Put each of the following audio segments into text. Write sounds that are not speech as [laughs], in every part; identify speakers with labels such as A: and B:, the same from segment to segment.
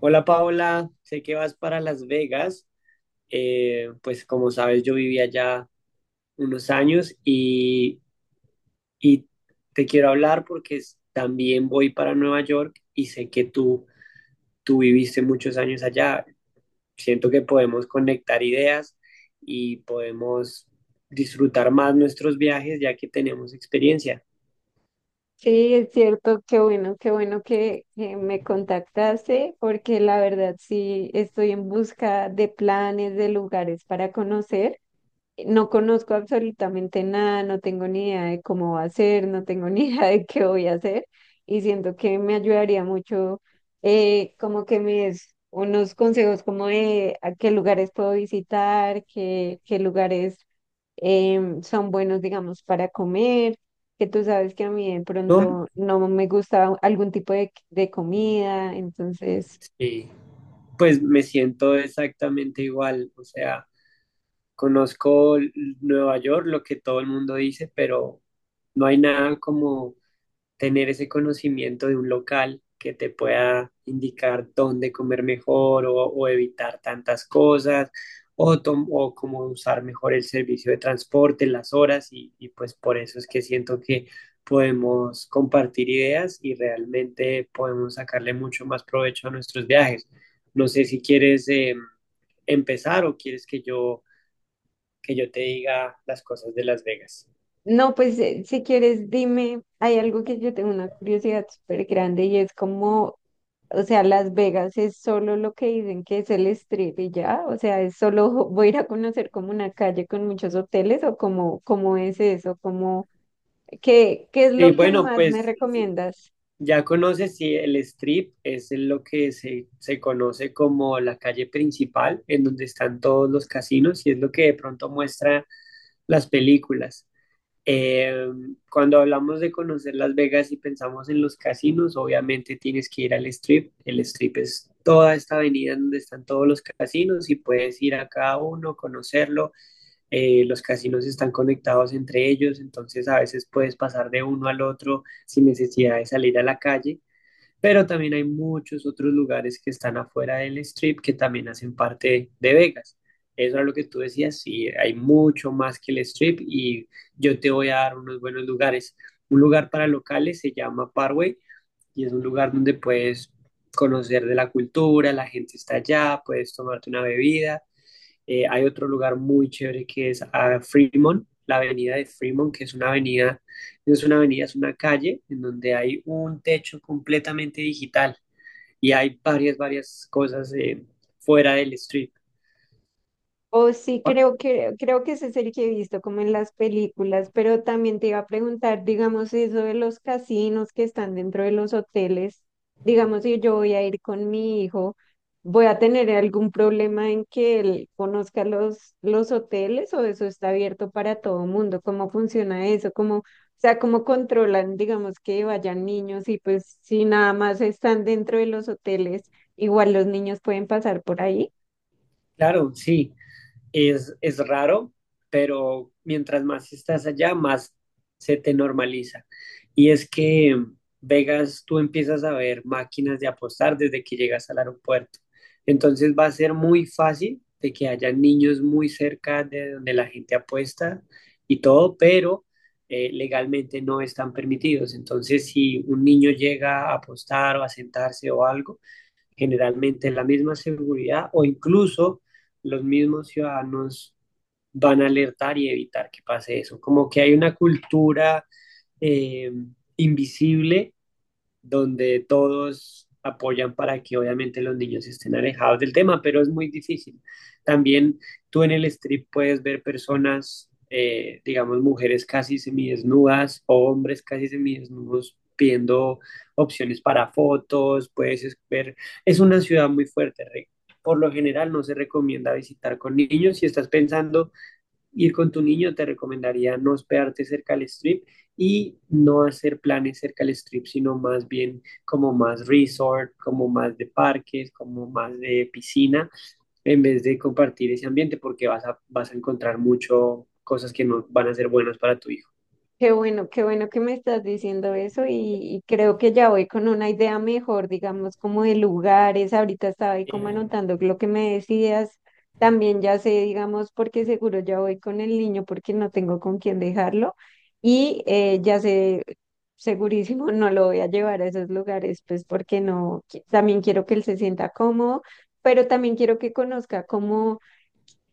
A: Hola Paola, sé que vas para Las Vegas. Pues como sabes, yo viví allá unos años y te quiero hablar porque también voy para Nueva York y sé que tú viviste muchos años allá. Siento que podemos conectar ideas y podemos disfrutar más nuestros viajes ya que tenemos experiencia,
B: Sí, es cierto, qué bueno, qué bueno que me contactaste, porque la verdad sí estoy en busca de planes, de lugares para conocer. No conozco absolutamente nada, no tengo ni idea de cómo va a ser, no tengo [laughs] ni idea de qué voy a hacer y siento que me ayudaría mucho, como que me des unos consejos como de a qué lugares puedo visitar, qué lugares son buenos, digamos, para comer, que tú sabes que a mí de
A: ¿no?
B: pronto no me gusta algún tipo de comida, entonces,
A: Sí, pues me siento exactamente igual. O sea. Conozco Nueva York, lo que todo el mundo dice, pero no hay nada como tener ese conocimiento de un local que te pueda indicar dónde comer mejor o evitar tantas cosas o, o cómo usar mejor el servicio de transporte, las horas y pues por eso es que siento que podemos compartir ideas y realmente podemos sacarle mucho más provecho a nuestros viajes. No sé si quieres empezar o quieres que yo te diga las cosas de Las Vegas.
B: no, pues, si quieres, dime, hay algo que yo tengo una curiosidad súper grande y es como, o sea, Las Vegas es solo lo que dicen que es el strip y ya, o sea, es solo [laughs] voy a ir a conocer como una calle con muchos hoteles o como, cómo es eso, como, qué es
A: Y
B: lo que
A: bueno,
B: más me
A: pues
B: recomiendas?
A: ya conoces si el Strip es lo que se conoce como la calle principal, en donde están todos los casinos, y es lo que de pronto muestra las películas. Eh, cuando hablamos de conocer Las Vegas y pensamos en los casinos, obviamente tienes que ir al Strip. El Strip es toda esta avenida en donde están todos los casinos y puedes ir a cada uno, conocerlo. Los casinos están conectados entre ellos, entonces a veces puedes pasar de uno al otro sin necesidad de salir a la calle, pero también hay muchos otros lugares que están afuera del strip que también hacen parte de Vegas. Eso es lo que tú decías, sí, hay mucho más que el strip y yo te voy a dar unos buenos lugares. Un lugar para locales se llama Parway y es un lugar donde puedes conocer de la cultura, la gente está allá, puedes tomarte una bebida. Hay otro lugar muy chévere que es a Fremont, la avenida de Fremont, que es una avenida, no es una avenida, es una calle en donde hay un techo completamente digital y hay varias cosas fuera del strip.
B: Oh, sí,
A: Ah,
B: creo que ese es el que he visto como en las películas, pero también te iba a preguntar, digamos, eso de los casinos que están dentro de los hoteles, digamos, si yo voy a ir con mi hijo, ¿voy a tener algún problema en que él conozca los hoteles o eso está abierto para todo mundo? ¿Cómo funciona eso? ¿Cómo, o sea, cómo controlan, digamos, que vayan niños y pues si nada más están dentro de los hoteles, igual los niños pueden pasar por ahí?
A: claro, sí. Es raro, pero mientras más estás allá, más se te normaliza. Y es que Vegas, tú empiezas a ver máquinas de apostar desde que llegas al aeropuerto. Entonces va a ser muy fácil de que haya niños muy cerca de donde la gente apuesta y todo, pero legalmente no están permitidos. Entonces, si un niño llega a apostar o a sentarse o algo, generalmente la misma seguridad o incluso los mismos ciudadanos van a alertar y evitar que pase eso. Como que hay una cultura eh, invisible donde todos apoyan para que obviamente los niños estén alejados del tema, pero es muy difícil. También tú en el strip puedes ver personas, digamos, mujeres casi semidesnudas o hombres casi semidesnudos pidiendo opciones para fotos, puedes ver, es una ciudad muy fuerte, Rick. Por lo general no se recomienda visitar con niños. Si estás pensando ir con tu niño, te recomendaría no hospedarte cerca del strip y no hacer planes cerca del strip, sino más bien como más resort, como más de parques, como más de piscina, en vez de compartir ese ambiente porque vas a encontrar mucho cosas que no van a ser buenas para tu hijo.
B: Qué bueno que me estás diciendo eso y creo que ya voy con una idea mejor, digamos, como de lugares. Ahorita estaba ahí como
A: Eh,
B: anotando lo que me decías. También ya sé, digamos, porque seguro ya voy con el niño porque no tengo con quién dejarlo. Y, ya sé, segurísimo, no lo voy a llevar a esos lugares, pues porque no, también quiero que él se sienta cómodo, pero también quiero que conozca cómo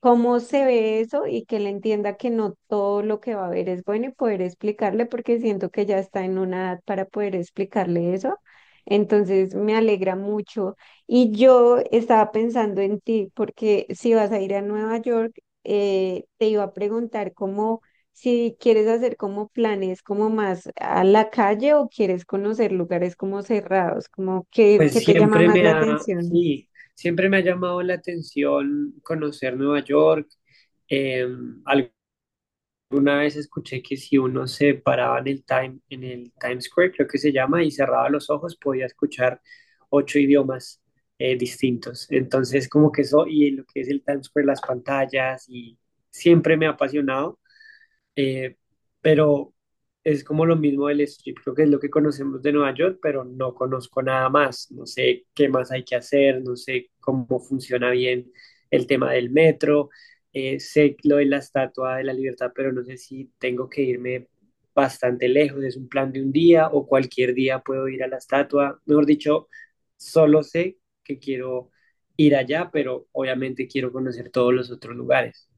B: cómo se ve eso y que él entienda que no todo lo que va a ver es bueno y poder explicarle, porque siento que ya está en una edad para poder explicarle eso. Entonces me alegra mucho. Y yo estaba pensando en ti, porque si vas a ir a Nueva York, te iba a preguntar cómo, si quieres hacer como planes como más a la calle o quieres conocer lugares como cerrados, como
A: pues
B: que te llama más la atención.
A: sí, siempre me ha llamado la atención conocer Nueva York. Eh, algo Una vez escuché que si uno se paraba en en el Times Square, creo que se llama, y cerraba los ojos, podía escuchar ocho idiomas distintos. Entonces, como que eso, y lo que es el Times Square, las pantallas, y siempre me ha apasionado. Eh, pero es como lo mismo del strip, creo que es lo que conocemos de Nueva York, pero no conozco nada más, no sé qué más hay que hacer, no sé cómo funciona bien el tema del metro. Sé lo de la Estatua de la Libertad, pero no sé si tengo que irme bastante lejos, es un plan de un día o cualquier día puedo ir a la estatua, mejor dicho, solo sé que quiero ir allá, pero obviamente quiero conocer todos los otros lugares.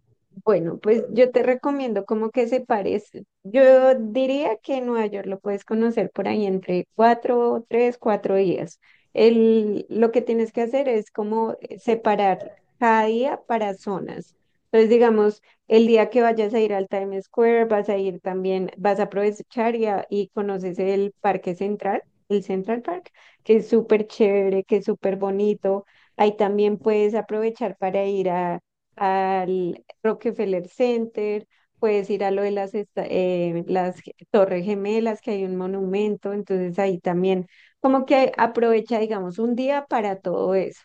B: Bueno, pues yo te recomiendo como que se parece. Yo diría que en Nueva York lo puedes conocer por ahí entre cuatro, tres, cuatro días. Lo que tienes que hacer es como, separar cada día para zonas. Entonces, digamos, el día que vayas a ir al Times Square, vas a ir también, vas a aprovechar y, y conoces el Parque Central, el Central Park, que es súper chévere, que es súper bonito. Ahí también puedes aprovechar para ir a al Rockefeller Center, puedes ir a lo de las, Torres Gemelas, que hay un monumento, entonces ahí también como que aprovecha, digamos, un día para todo eso.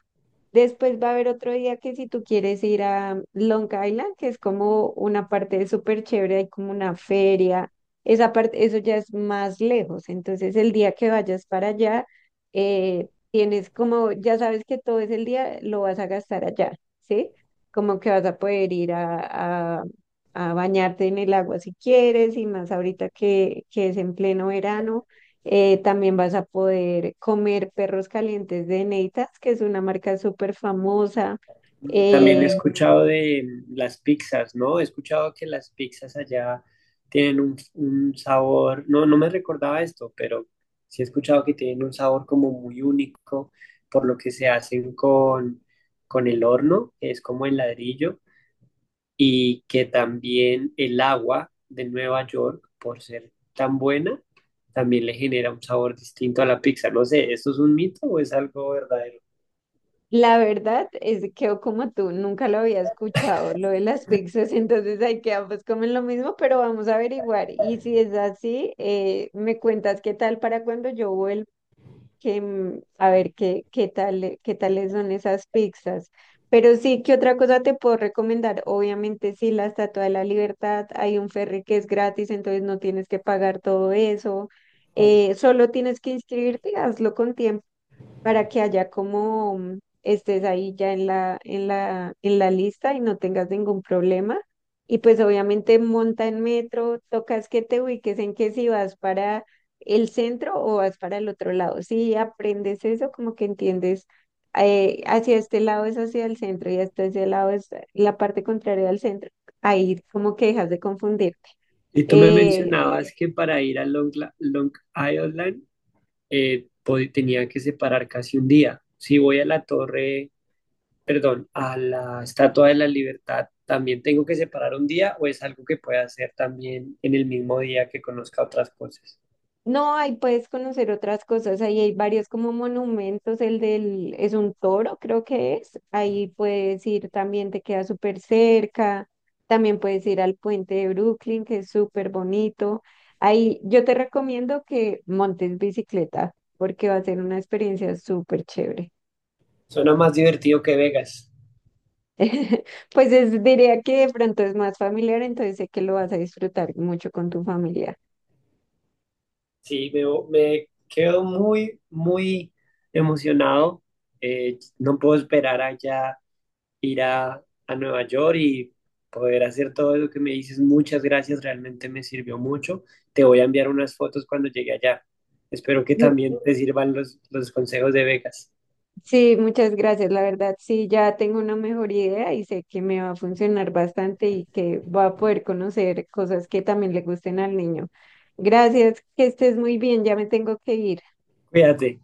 B: Después va a haber otro día que si tú quieres ir a Long Island, que es como una parte súper chévere, hay como una feria, esa parte, eso ya es más lejos, entonces el día que vayas para allá, tienes como, ya sabes que todo ese día lo vas a gastar allá, ¿sí? Como que vas a poder ir a, a bañarte en el agua si quieres, y más ahorita que es en pleno verano. También vas a poder comer perros calientes de Neitas, que es una marca súper famosa.
A: Mm, también he
B: Eh,
A: escuchado de las pizzas, ¿no? He escuchado que las pizzas allá tienen un sabor, no me recordaba esto, pero sí he escuchado que tienen un sabor como muy único, por lo que se hacen con el horno, que es como el ladrillo, y que también el agua de Nueva York, por ser tan buena, también le genera un sabor distinto a la pizza. No sé, ¿esto es un mito o es algo verdadero?
B: la verdad es que yo como tú nunca lo había escuchado, lo de las pizzas, [laughs] entonces hay que ambos comen lo mismo, pero vamos a averiguar. Y si es así, me cuentas qué tal para cuando yo vuelva a ver qué, qué tales son esas pizzas. Pero sí, ¿qué otra cosa te puedo recomendar? Obviamente, sí, la Estatua de la Libertad, hay un ferry que es gratis, entonces no tienes que pagar todo eso. Solo tienes que inscribirte, hazlo con tiempo para que haya como, estés ahí ya en la, en la, en la lista y no tengas ningún problema. Y pues obviamente monta en metro, tocas que te ubiques en que si vas para el centro o vas para el otro lado. Si aprendes eso, como que entiendes, hacia este lado es hacia el centro y hasta ese lado es la parte contraria al centro. Ahí como que dejas de confundir.
A: Y tú me mencionabas que para ir a Long Island tenía que separar casi un día. Si voy a la torre, perdón, a la Estatua de la Libertad, ¿también tengo que separar un día o es algo que pueda hacer también en el mismo día que conozca otras cosas?
B: No, ahí puedes conocer otras cosas, ahí hay varios como monumentos, el del, es un toro, creo que es, ahí puedes ir también, te queda súper cerca, también puedes ir al puente de Brooklyn, que es súper bonito. Ahí yo te recomiendo que montes bicicleta, porque va a ser una experiencia súper chévere.
A: Suena más divertido que Vegas.
B: [laughs] Pues es, diría que de pronto es más familiar, entonces sé que lo vas a disfrutar mucho con tu familia.
A: Sí, me quedo muy, muy emocionado. No puedo esperar allá ir a Nueva York y poder hacer todo lo que me dices. Muchas gracias, realmente me sirvió mucho. Te voy a enviar unas fotos cuando llegue allá. Espero que también te sirvan los consejos de Vegas.
B: Sí, muchas gracias. La verdad, sí, ya tengo una mejor idea y sé que me va a funcionar bastante y que va a poder conocer cosas que también le gusten al niño. Gracias, que estés muy bien, ya me tengo que ir.
A: Cuídate.